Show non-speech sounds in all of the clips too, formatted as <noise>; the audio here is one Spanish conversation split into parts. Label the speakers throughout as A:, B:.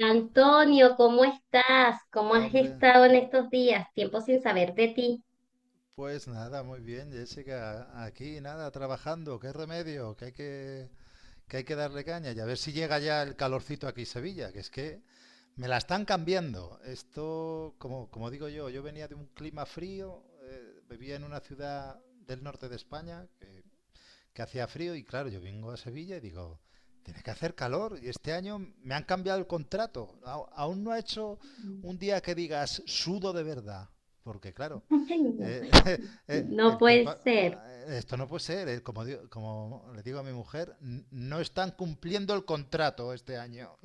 A: Antonio, ¿cómo estás? ¿Cómo has
B: Hombre,
A: estado en estos días? Tiempo sin saber de ti.
B: pues nada, muy bien, Jessica. Aquí nada, trabajando. Qué remedio, que hay que darle caña. Y a ver si llega ya el calorcito aquí en Sevilla, que es que me la están cambiando. Esto, como digo yo, yo venía de un clima frío, vivía en una ciudad del norte de España, que hacía frío y claro, yo vengo a Sevilla y digo, tiene que hacer calor y este año me han cambiado el contrato. Aún no ha hecho un
A: <laughs>
B: día que digas sudo de verdad, porque claro,
A: Ay, no,
B: eh, <laughs>
A: no
B: el
A: puede
B: tiempo,
A: ser.
B: esto no puede ser, como le digo a mi mujer, no están cumpliendo el contrato este año.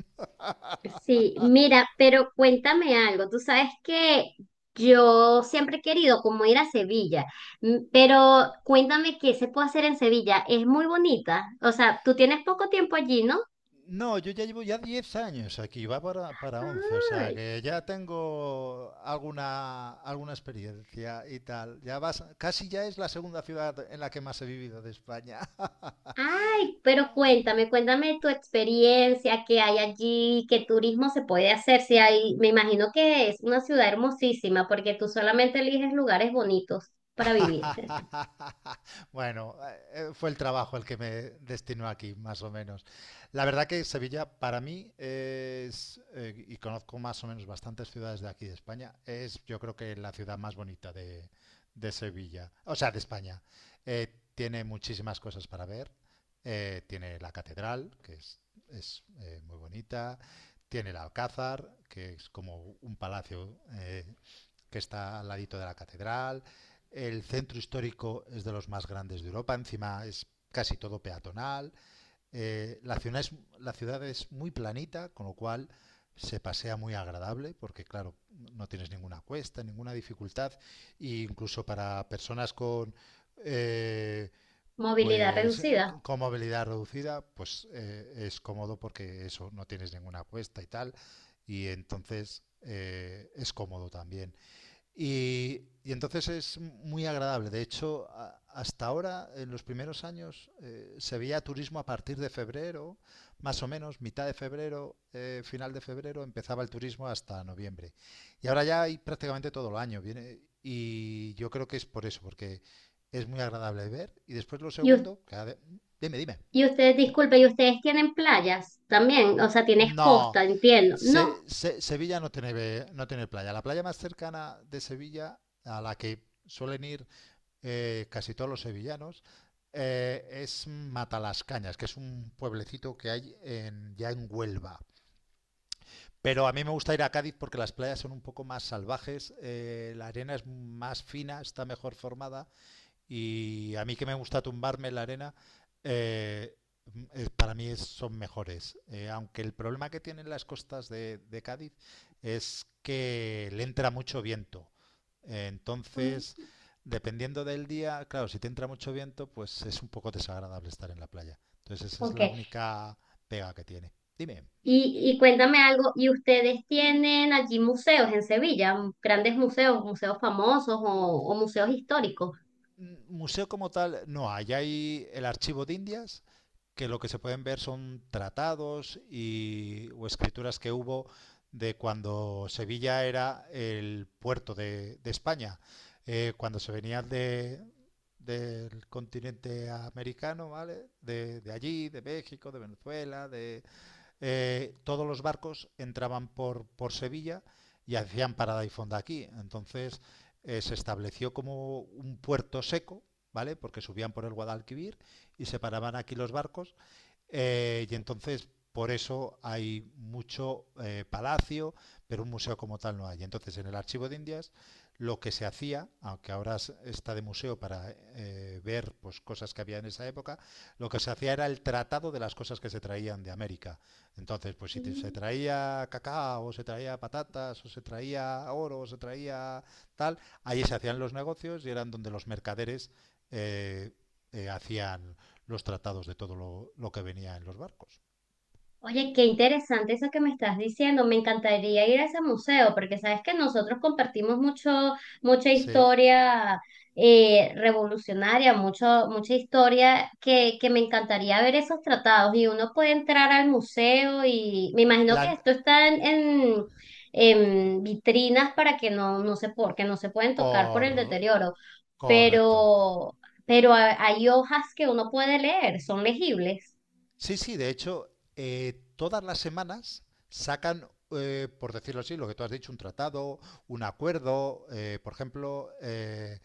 A: Sí, mira, pero cuéntame algo. Tú sabes que yo siempre he querido como ir a Sevilla, pero cuéntame qué se puede hacer en Sevilla. Es muy bonita. O sea, tú tienes poco tiempo allí, ¿no?
B: No, yo ya llevo ya 10 años aquí, va para 11, o sea que ya tengo alguna experiencia y tal. Ya vas, casi ya es la segunda ciudad en la que más he vivido de España. <laughs>
A: Ay, pero cuéntame, cuéntame tu experiencia, qué hay allí, qué turismo se puede hacer, si hay, me imagino que es una ciudad hermosísima porque tú solamente eliges lugares bonitos para vivir.
B: <laughs> Bueno, fue el trabajo el que me destinó aquí, más o menos. La verdad que Sevilla para mí es, y conozco más o menos bastantes ciudades de aquí de España, es yo creo que la ciudad más bonita de Sevilla, o sea, de España. Eh, tiene muchísimas cosas para ver. Tiene la catedral, es, muy bonita. Tiene el Alcázar, que es como un palacio que está al ladito de la catedral. El centro histórico es de los más grandes de Europa, encima es casi todo peatonal. Ciudad es, la ciudad es muy planita, con lo cual se pasea muy agradable porque claro, no tienes ninguna cuesta, ninguna dificultad e incluso para personas con eh,
A: <laughs> Movilidad
B: pues
A: reducida.
B: con movilidad reducida pues es cómodo porque eso no tienes ninguna cuesta y tal y entonces es cómodo también. Y, y entonces es muy agradable. De hecho, hasta ahora, en los primeros años, se veía turismo a partir de febrero, más o menos, mitad de febrero, final de febrero, empezaba el turismo hasta noviembre. Y ahora ya hay prácticamente todo el año. Viene, y yo creo que es por eso, porque es muy agradable ver. Y después lo
A: Y, us-
B: segundo, dime, dime.
A: y ustedes, disculpe, ¿y ustedes tienen playas también? O sea, tienes
B: No,
A: costa, entiendo. No.
B: Sevilla no tiene, no tiene playa. La playa más cercana de Sevilla, a la que suelen ir casi todos los sevillanos, es Matalascañas, que es un pueblecito que hay en, ya en Huelva. Pero a mí me gusta ir a Cádiz porque las playas son un poco más salvajes, la arena es más fina, está mejor formada y a mí que me gusta tumbarme en la arena, eh, son mejores. Aunque el problema que tienen las costas de Cádiz es que le entra mucho viento.
A: Mm,
B: Entonces, dependiendo del día, claro, si te entra mucho viento, pues es un poco desagradable estar en la playa. Entonces, esa es
A: ok.
B: la única pega que tiene. Dime.
A: Y cuéntame algo, ¿y ustedes tienen allí museos en Sevilla, grandes museos, museos famosos o museos históricos?
B: Museo como tal no hay. Hay el archivo de Indias, que lo que se pueden ver son tratados y, o escrituras que hubo de cuando Sevilla era el puerto de España, cuando se venían del continente americano, ¿vale? De allí, de México, de Venezuela, todos los barcos entraban por Sevilla y hacían parada y fonda aquí. Entonces se estableció como un puerto seco, ¿vale? Porque subían por el Guadalquivir y se paraban aquí los barcos y entonces, por eso hay mucho palacio, pero un museo como tal no hay. Entonces, en el Archivo de Indias, lo que se hacía, aunque ahora está de museo para ver pues, cosas que había en esa época, lo que se hacía era el tratado de las cosas que se traían de América. Entonces, pues si te- se traía cacao, o se traía patatas, o se traía oro, o se traía tal, ahí se hacían los negocios y eran donde los mercaderes eh, hacían los tratados de todo lo que venía en los barcos.
A: Oye, qué interesante eso que me estás diciendo. Me encantaría ir a ese museo porque sabes que nosotros compartimos mucho, mucha
B: Sí.
A: historia revolucionaria, mucho, mucha historia que me encantaría ver esos tratados y uno puede entrar al museo y me imagino que
B: La,
A: esto está en vitrinas para que porque no se pueden tocar por
B: cor,
A: el deterioro,
B: correcto.
A: pero, pero hay hojas que uno puede leer, son legibles.
B: Sí, sí, de hecho, todas las semanas sacan, por decirlo así, lo que tú has dicho, un tratado, un acuerdo. Por ejemplo, eh,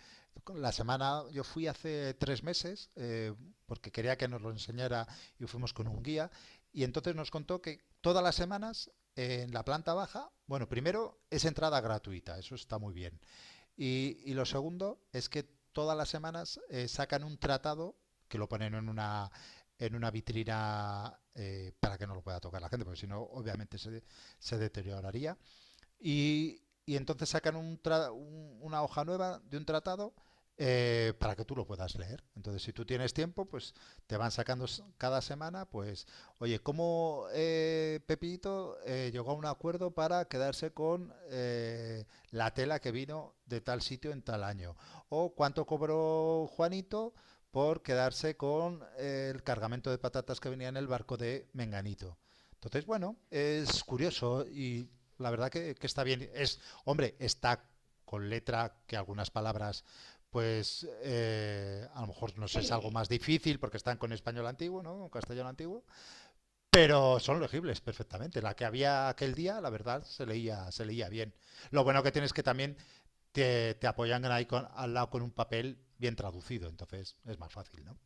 B: la semana, yo fui hace 3 meses porque quería que nos lo enseñara y fuimos con un guía y entonces nos contó que todas las semanas en la planta baja, bueno, primero es entrada gratuita, eso está muy bien. Y lo segundo es que todas las semanas sacan un tratado que lo ponen en una vitrina para que no lo pueda tocar la gente, porque si no, obviamente se deterioraría. Y, y entonces sacan una hoja nueva de un tratado para que tú lo puedas leer. Entonces, si tú tienes tiempo, pues te van sacando s- cada semana, pues, oye, ¿cómo Pepito llegó a un acuerdo para quedarse con la tela que vino de tal sitio en tal año? ¿O cuánto cobró Juanito por quedarse con el cargamento de patatas que venía en el barco de Menganito? Entonces, bueno, es curioso y la verdad que está bien. Es, hombre, está con letra que algunas palabras, pues a lo mejor nos es algo
A: Sí.
B: más difícil porque están con español antiguo, ¿no? Con castellano antiguo. Pero son legibles perfectamente. La que había aquel día, la verdad, se leía bien. Lo bueno que tienes es que también te apoyan ahí al lado con un papel bien traducido, entonces es más fácil, ¿no?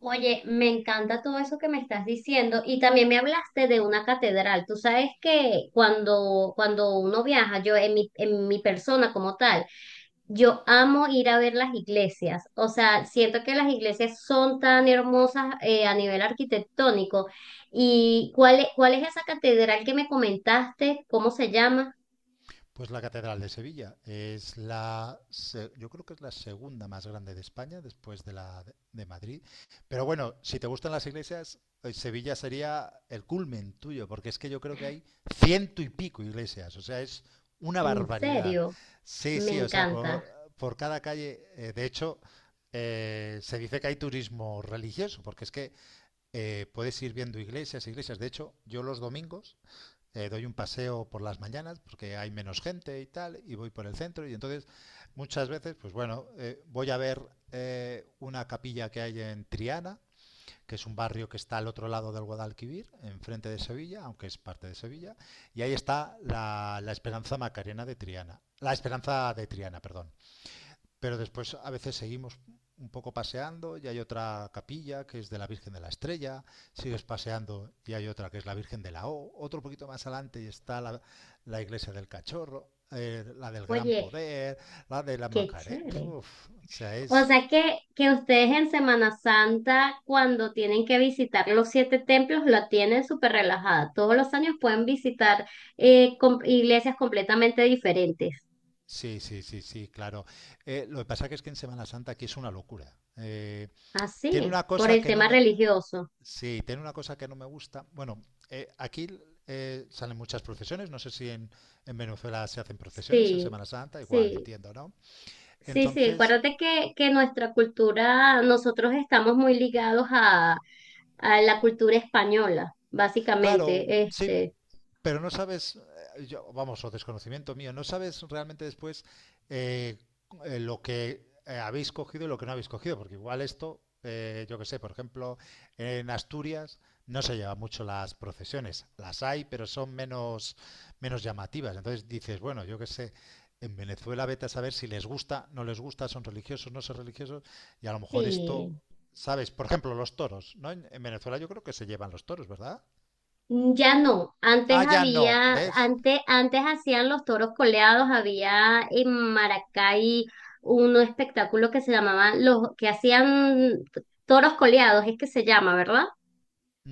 A: Oye, me encanta todo eso que me estás diciendo y también me hablaste de una catedral. Tú sabes que cuando uno viaja, yo en en mi persona como tal, yo amo ir a ver las iglesias. O sea, siento que las iglesias son tan hermosas, a nivel arquitectónico. ¿Y cuál es esa catedral que me comentaste? ¿Cómo se llama?
B: Pues la Catedral de Sevilla es yo creo que es la segunda más grande de España después de la de Madrid. Pero bueno, si te gustan las iglesias, Sevilla sería el culmen tuyo, porque es que yo creo que hay ciento y pico iglesias, o sea, es una
A: En
B: barbaridad.
A: serio,
B: Sí,
A: me
B: sí, o sea,
A: encanta.
B: por cada calle, de hecho, se dice que hay turismo religioso, porque es que puedes ir viendo iglesias, iglesias. De hecho, yo los domingos doy un paseo por las mañanas porque hay menos gente y tal, y voy por el centro y entonces muchas veces, pues bueno, voy a ver una capilla que hay en Triana, que es un barrio que está al otro lado del Guadalquivir, enfrente de Sevilla, aunque es parte de Sevilla, y ahí está la Esperanza Macarena de Triana, la Esperanza de Triana, perdón. Pero después a veces seguimos un poco paseando y hay otra capilla que es de la Virgen de la Estrella, sigues paseando y hay otra que es la Virgen de la O, otro poquito más adelante y está la iglesia del Cachorro, la del Gran
A: Oye,
B: Poder, la de la
A: qué
B: Macarena.
A: chévere.
B: O sea,
A: O
B: es...
A: sea que ustedes en Semana Santa, cuando tienen que visitar los siete templos, la tienen súper relajada. Todos los años pueden visitar, iglesias completamente diferentes.
B: Sí, sí, sí, sí, claro. Lo que pasa que es que en Semana Santa aquí es una locura. Tiene
A: Así,
B: una
A: por
B: cosa
A: el
B: que no
A: tema
B: me
A: religioso.
B: Sí, tiene una cosa que no me gusta. Bueno, aquí salen muchas procesiones. No sé si en Venezuela se hacen procesiones en
A: Sí,
B: Semana Santa, igual,
A: sí,
B: entiendo, ¿no?
A: sí, sí.
B: Entonces,
A: Acuérdate que nuestra cultura, nosotros estamos muy ligados a la cultura española,
B: claro,
A: básicamente.
B: sí,
A: Este,
B: pero no sabes, yo, vamos, o desconocimiento mío, no sabes realmente después eh, lo que habéis cogido y lo que no habéis cogido, porque igual esto, yo que sé, por ejemplo, en Asturias no se llevan mucho las procesiones, las hay, pero son menos llamativas. Entonces dices, bueno, yo que sé, en Venezuela vete a saber si les gusta, no les gusta, son religiosos, no son religiosos, y a lo mejor esto,
A: sí.
B: ¿sabes? Por ejemplo, los toros, ¿no? En Venezuela yo creo que se llevan los toros, ¿verdad?
A: Mm, ya no, antes
B: Ah, ya no,
A: había,
B: ¿ves?
A: antes, antes hacían los toros coleados, había en Maracay un espectáculo que se llamaba los, que hacían toros coleados, es que se llama, ¿verdad?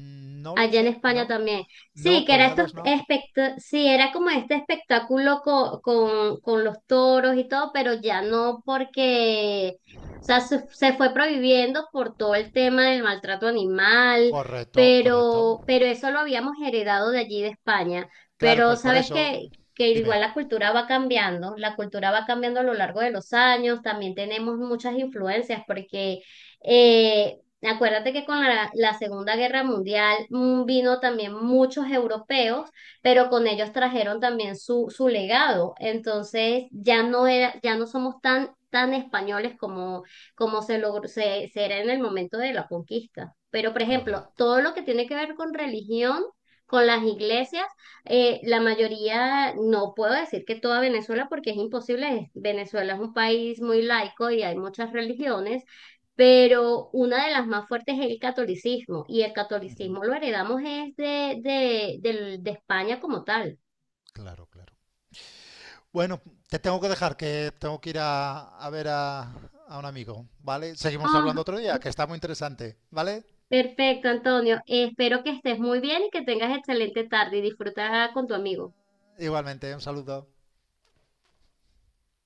B: Mm, no lo
A: Allá en
B: sé,
A: España
B: no.
A: también. Sí,
B: No,
A: que era estos
B: coleados no.
A: sí, era como este espectáculo con los toros y todo, pero ya no porque, o sea, se fue prohibiendo por todo el tema del maltrato animal,
B: Correcto, correcto.
A: pero eso lo habíamos heredado de allí de España.
B: Claro,
A: Pero
B: pues por
A: sabes
B: eso,
A: que
B: dime.
A: igual la cultura va cambiando, la cultura va cambiando a lo largo de los años, también tenemos muchas influencias porque… eh, acuérdate que con la Segunda Guerra Mundial, vino también muchos europeos, pero con ellos trajeron también su legado. Entonces ya no era, ya no somos tan, tan españoles como, como se logró, se era en el momento de la conquista. Pero, por ejemplo,
B: Correcto.
A: todo lo que tiene que ver con religión, con las iglesias, la mayoría, no puedo decir que toda Venezuela, porque es imposible. Venezuela es un país muy laico y hay muchas religiones, pero una de las más fuertes es el catolicismo, y el
B: Ujú,
A: catolicismo lo heredamos es de España como tal.
B: claro, claro. Bueno, te tengo que dejar, que tengo que ir a ver a un amigo, ¿vale? Seguimos
A: Ah,
B: hablando otro día, que está muy interesante, ¿vale?
A: perfecto, Antonio. Espero que estés muy bien y que tengas excelente tarde y disfruta con tu amigo.
B: Igualmente, un saludo.